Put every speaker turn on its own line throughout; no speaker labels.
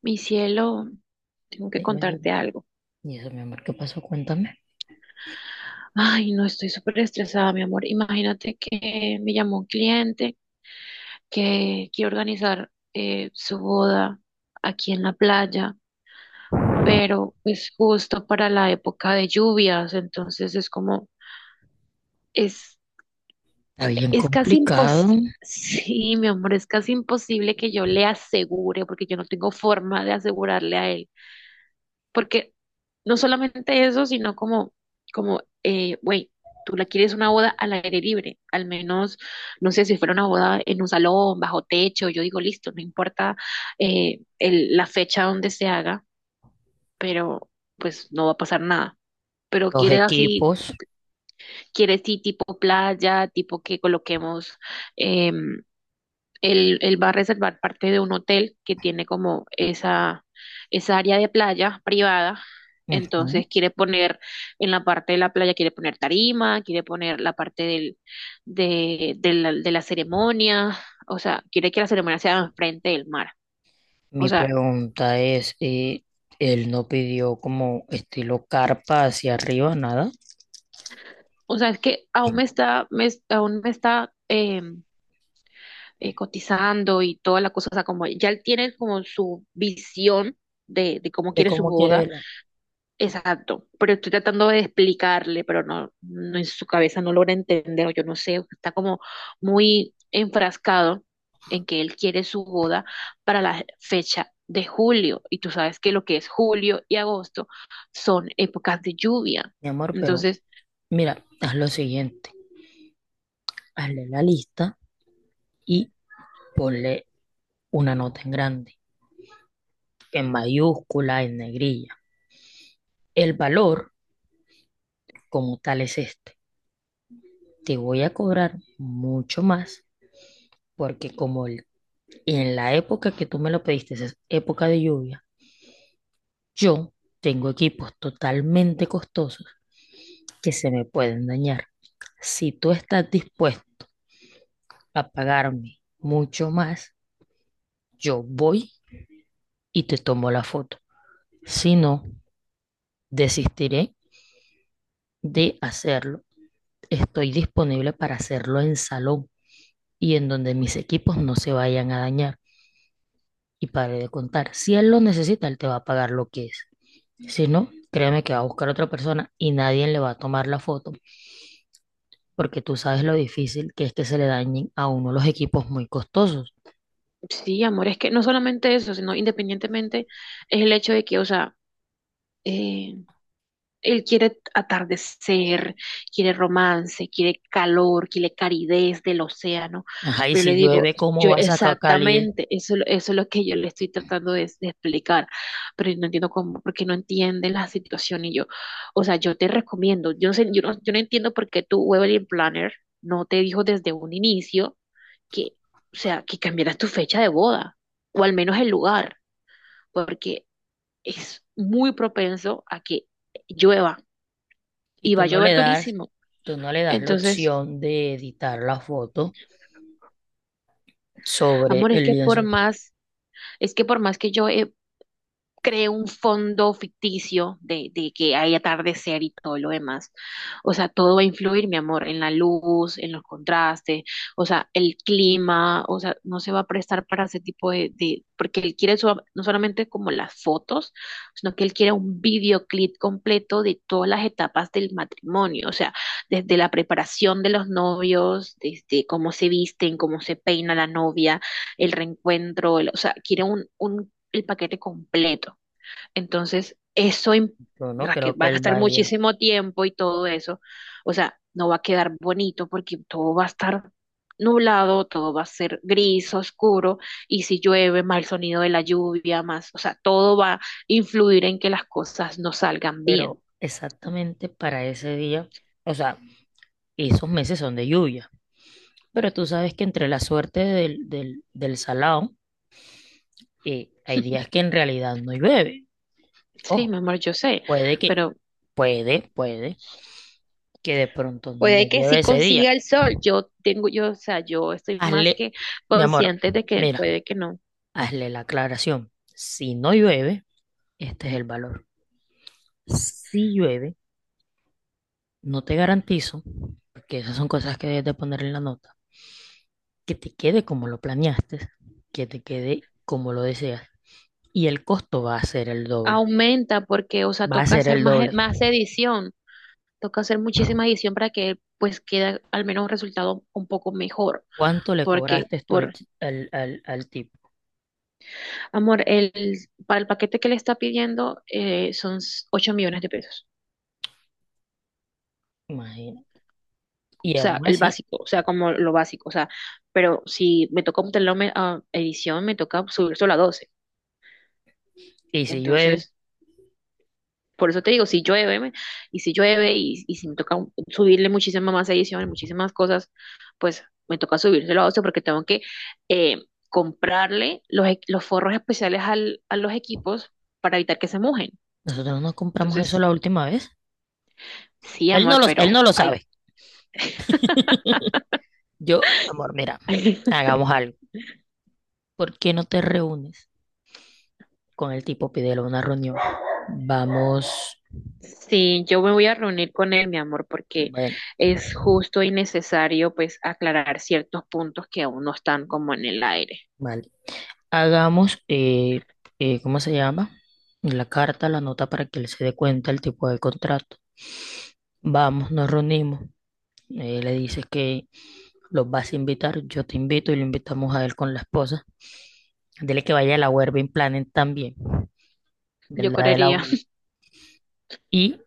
Mi cielo, tengo que
Dime,
contarte algo.
y eso, mi amor, ¿qué pasó? Cuéntame.
Ay, no, estoy súper estresada, mi amor. Imagínate que me llamó un cliente que quiere organizar su boda aquí en la playa, pero es justo para la época de lluvias, entonces es,
Está bien
es casi
complicado.
imposible. Sí, mi amor, es casi imposible que yo le asegure, porque yo no tengo forma de asegurarle a él. Porque no solamente eso, sino güey, tú la quieres una boda al aire libre, al menos, no sé, si fuera una boda en un salón, bajo techo, yo digo, listo, no importa la fecha donde se haga, pero pues no va a pasar nada. Pero
Los equipos.
quieres sí, tipo playa, tipo que coloquemos em, él va a reservar parte de un hotel que tiene como esa área de playa privada.
Ujú.
Entonces quiere poner en la parte de la playa, quiere poner tarima, quiere poner la parte del, de la ceremonia, o sea, quiere que la ceremonia sea enfrente del mar. O
Mi
sea,
pregunta es, él no pidió como estilo carpa hacia arriba, nada.
o sea, es que aún me está cotizando y toda la cosa, o sea, como ya él tiene como su visión de cómo
De
quiere su
cómo quiere
boda.
él.
Exacto, pero estoy tratando de explicarle, pero no en su cabeza no logra entender, o yo no sé, está como muy enfrascado en que él quiere su boda para la fecha de julio, y tú sabes que lo que es julio y agosto son épocas de lluvia.
Mi amor, pero
Entonces,
mira, haz lo siguiente. Hazle la lista y ponle una nota en grande, en mayúscula, en negrilla. El valor como tal es este. Te voy a cobrar mucho más porque como el en la época que tú me lo pediste, esa es época de lluvia, yo tengo equipos totalmente costosos que se me pueden dañar. Si tú estás dispuesto a pagarme mucho más, yo voy y te tomo la foto. Si no, desistiré de hacerlo. Estoy disponible para hacerlo en salón y en donde mis equipos no se vayan a dañar. Y para de contar, si él lo necesita, él te va a pagar lo que es. Si no, créame que va a buscar a otra persona y nadie le va a tomar la foto porque tú sabes lo difícil que es que se le dañen a uno los equipos muy costosos.
sí, amor, es que no solamente eso, sino independientemente es el hecho de que, o sea, eh, él quiere atardecer, quiere romance, quiere calor, quiere calidez del océano.
Ajá, y
Pero le
si
digo,
llueve, ¿cómo
yo
vas a sacar Cálide?
exactamente, eso, eso es lo que yo le estoy tratando de explicar, pero no entiendo cómo, porque no entiende la situación y yo, o sea, yo te recomiendo, yo no sé, yo no entiendo por qué tu wedding planner no te dijo desde un inicio que, o sea, que cambiaras tu fecha de boda, o al menos el lugar, porque es muy propenso a que llueva
Y
y
tú
va a
no le
llover
das,
durísimo.
tú no le das la
Entonces,
opción de editar la foto sobre
amor,
el lienzo.
es que por más que yo he cree un fondo ficticio de que hay atardecer y todo lo demás. O sea, todo va a influir, mi amor, en la luz, en los contrastes, o sea, el clima, o sea, no se va a prestar para ese tipo porque él quiere no solamente como las fotos, sino que él quiere un videoclip completo de todas las etapas del matrimonio, o sea, desde la preparación de los novios, desde cómo se visten, cómo se peina la novia, o sea, quiere un el paquete completo. Entonces,
Yo no creo
Raquel va
que
a
él
gastar
vaya,
muchísimo tiempo y todo eso. O sea, no va a quedar bonito porque todo va a estar nublado, todo va a ser gris, oscuro, y si llueve, más el sonido de la lluvia, más, o sea, todo va a influir en que las cosas no salgan bien.
pero exactamente para ese día, o sea, esos meses son de lluvia. Pero tú sabes que entre la suerte del salado, hay días que en realidad no llueve.
Sí,
Ojo,
mi amor, yo sé,
puede que,
pero
puede que de pronto no
puede que
llueve
sí
ese día.
consiga el sol. Yo tengo, yo, o sea, yo estoy más
Hazle,
que
mi amor,
consciente de que
mira,
puede que no.
hazle la aclaración. Si no llueve, este es el valor. Si llueve, no te garantizo, porque esas son cosas que debes de poner en la nota, que te quede como lo planeaste, que te quede como lo deseas. Y el costo va a ser el doble.
Aumenta porque, o sea,
Va a
toca
ser
hacer
el doble.
más edición, toca hacer muchísima edición para que pues quede al menos un resultado un poco mejor.
¿Cuánto le
Porque,
cobraste tú al,
por
ch- al, al, al tipo?
amor, para el paquete que le está pidiendo son $8.000.000.
Imagínate.
O
Y aún
sea, el
así,
básico, o sea, como lo básico, o sea, pero si me toca obtener la edición, me toca subir solo a 12.
y si llueve,
Entonces, por eso te digo, y si llueve, y si me toca subirle muchísimas más ediciones, muchísimas cosas, pues me toca subírselo a Ocio porque tengo que eh, comprarle los forros especiales a los equipos para evitar que se mojen.
nosotros no compramos eso
Entonces,
la última vez.
sí, amor,
Él
pero
no lo
hay...
sabe. Yo, amor, mira, hagamos algo. ¿Por qué no te reúnes con el tipo? Pídele una reunión. Vamos,
Sí, yo me voy a reunir con él, mi amor, porque
bueno,
es justo y necesario, pues, aclarar ciertos puntos que aún no están como en el aire.
vale. Hagamos, ¿cómo se llama? La carta, la nota para que él se dé cuenta el tipo de contrato. Vamos, nos reunimos. Le dices que los vas a invitar, yo te invito y lo invitamos a él con la esposa. Dile que vaya a la Werbing Planet también, de
Yo
la de la
creería,
y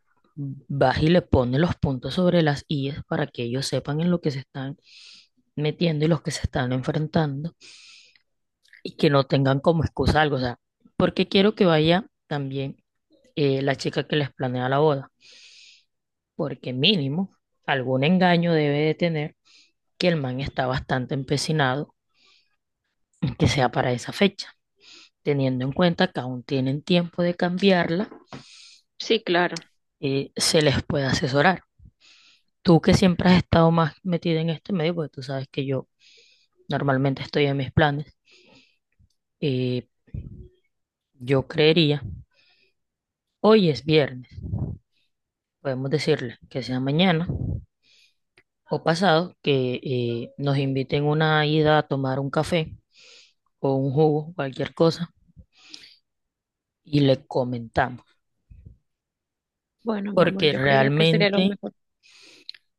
vas y le pones los puntos sobre las íes para que ellos sepan en lo que se están metiendo y los que se están enfrentando y que no tengan como excusa algo. O sea, porque quiero que vaya también la chica que les planea la boda, porque mínimo algún engaño debe de tener que el man está bastante empecinado en que sea para esa fecha, teniendo en cuenta que aún tienen tiempo de cambiarla,
sí, claro.
se les puede asesorar. Tú que siempre has estado más metida en este medio, porque tú sabes que yo normalmente estoy en mis planes y yo creería, hoy es viernes, podemos decirle que sea mañana o pasado, que nos inviten una ida a tomar un café o un jugo, cualquier cosa, y le comentamos,
Bueno, mi amor,
porque
yo creería que sería lo
realmente
mejor.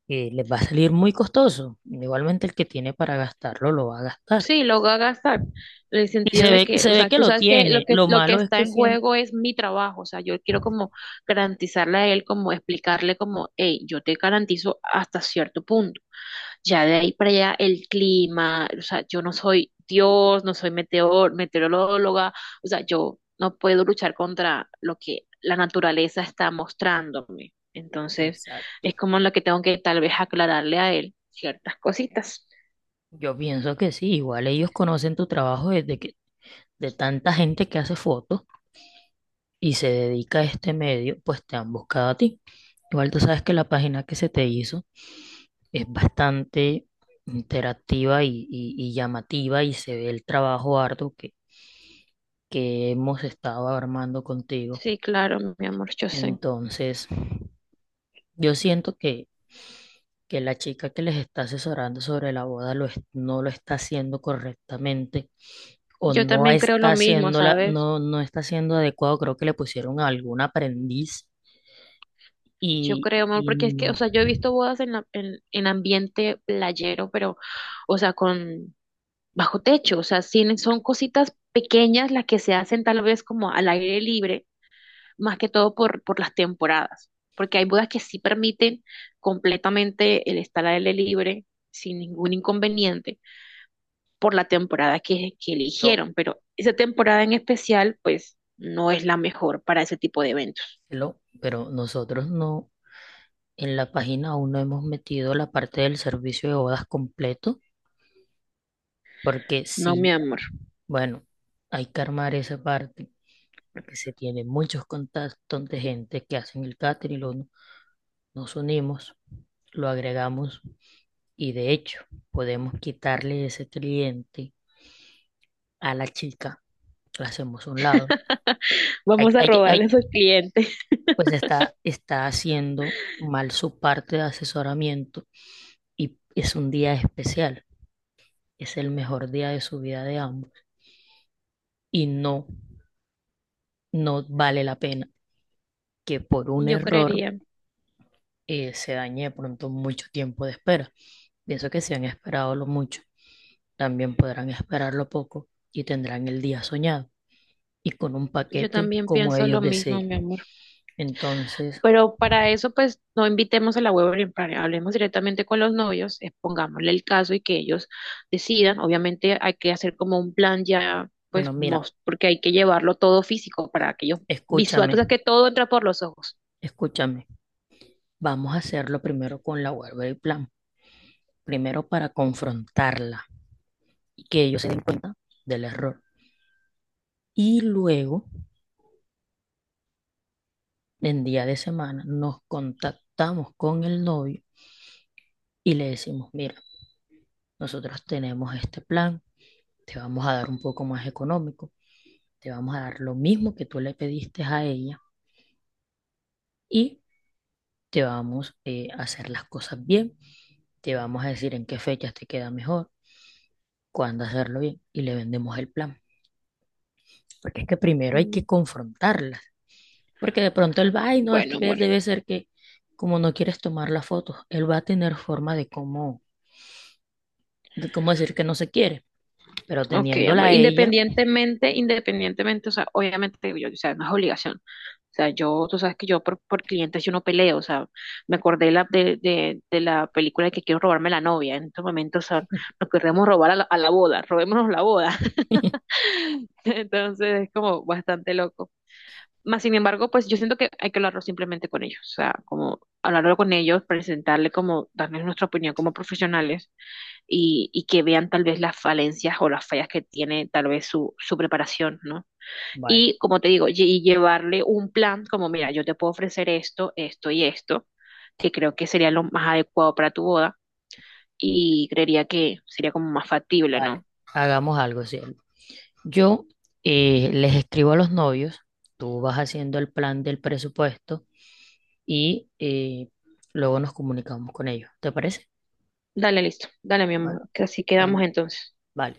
les va a salir muy costoso. Igualmente el que tiene para gastarlo lo va a gastar.
Sí, lo voy a gastar. En el
Y
sentido
se
de
ve,
que,
se
o
ve
sea,
que
tú
lo
sabes que
tiene. Lo
lo que
malo es
está
que
en juego
siento...
es mi trabajo. O sea, yo quiero como garantizarle a él, como explicarle como, hey, yo te garantizo hasta cierto punto. Ya de ahí para allá el clima, o sea, yo no soy Dios, no soy meteoróloga. O sea, yo no puedo luchar contra lo que la naturaleza está mostrándome. Entonces,
Exacto.
es como lo que tengo que tal vez aclararle a él ciertas cositas.
Yo pienso que sí, igual ellos conocen tu trabajo desde que de tanta gente que hace fotos y se dedica a este medio, pues te han buscado a ti. Igual tú sabes que la página que se te hizo es bastante interactiva y llamativa y se ve el trabajo arduo que hemos estado armando contigo.
Sí, claro, mi amor, yo sé.
Entonces, yo siento que la chica que les está asesorando sobre la boda no lo está haciendo correctamente o
Yo
no
también creo lo
está
mismo,
haciendo
¿sabes?
no está haciendo adecuado. Creo que le pusieron a algún aprendiz
Yo creo, amor, porque es que, o
No,
sea, yo he visto bodas en ambiente playero, pero, o sea, con bajo techo, o sea, sí, son cositas pequeñas las que se hacen tal vez como al aire libre, más que todo por las temporadas, porque hay bodas que sí permiten completamente el estar al aire libre sin ningún inconveniente por la temporada que
pero,
eligieron, pero esa temporada en especial, pues, no es la mejor para ese tipo de eventos,
pero nosotros no, en la página aún no hemos metido la parte del servicio de bodas completo, porque
no, mi
sí,
amor.
bueno, hay que armar esa parte, porque se tienen muchos contactos de gente que hacen el catering, nos unimos, lo agregamos y de hecho podemos quitarle ese cliente a la chica, la hacemos a un lado. Hay,
Vamos a
hay,
robarle
hay,
a sus clientes.
pues está, está haciendo mal su parte de asesoramiento y es un día especial, es el mejor día de su vida de ambos y no, no vale la pena que por un
Yo
error
creería,
se dañe de pronto mucho tiempo de espera. Pienso que si han esperado lo mucho, también podrán esperarlo poco y tendrán el día soñado y con un
yo
paquete
también
como
pienso lo
ellos
mismo,
deseen.
mi amor.
Entonces,
Pero para eso, pues, no invitemos a la web, hablemos directamente con los novios, expongámosle el caso y que ellos decidan. Obviamente hay que hacer como un plan ya,
bueno,
pues,
mira,
porque hay que llevarlo todo físico para que ellos visual, o
escúchame,
sea, que todo entra por los ojos.
escúchame. Vamos a hacerlo primero con la web del plan, primero para confrontarla y que ellos se den cuenta del error. Y luego, en día de semana, nos contactamos con el novio y le decimos, mira, nosotros tenemos este plan, te vamos a dar un poco más económico, te vamos a dar lo mismo que tú le pediste a ella y te vamos a hacer las cosas bien, te vamos a decir en qué fechas te queda mejor, cuándo hacerlo bien y le vendemos el plan. Porque es que primero hay que
Mm,
confrontarla. Porque de pronto él va y no es que
bueno, amor.
debe ser que como no quieres tomar la foto, él va a tener forma de cómo decir que no se quiere, pero
Ok,
teniéndola
amor.
a ella,
Independientemente, independientemente, o sea, obviamente, yo, o sea, no es obligación. O sea, yo, tú sabes que yo por clientes yo no peleo. O sea, me acordé de la película de que quiero robarme la novia. En estos momentos, o sea, nos queremos robar a a la boda. Robémonos la boda. Entonces, es como bastante loco. Más sin embargo, pues yo siento que hay que hablarlo simplemente con ellos, o sea, como hablarlo con ellos, presentarle como, darles nuestra opinión como profesionales y que vean tal vez las falencias o las fallas que tiene tal vez su preparación, ¿no?
vale,
Y como te digo, y llevarle un plan como, mira, yo te puedo ofrecer esto, esto y esto, que creo que sería lo más adecuado para tu boda y creería que sería como más factible,
vale,
¿no?
hagamos algo, cielo. Yo les escribo a los novios, tú vas haciendo el plan del presupuesto y luego nos comunicamos con ellos, ¿te parece?
Dale, listo, dale, mi
Vale.
amor, que así
Ah,
quedamos entonces.
vale.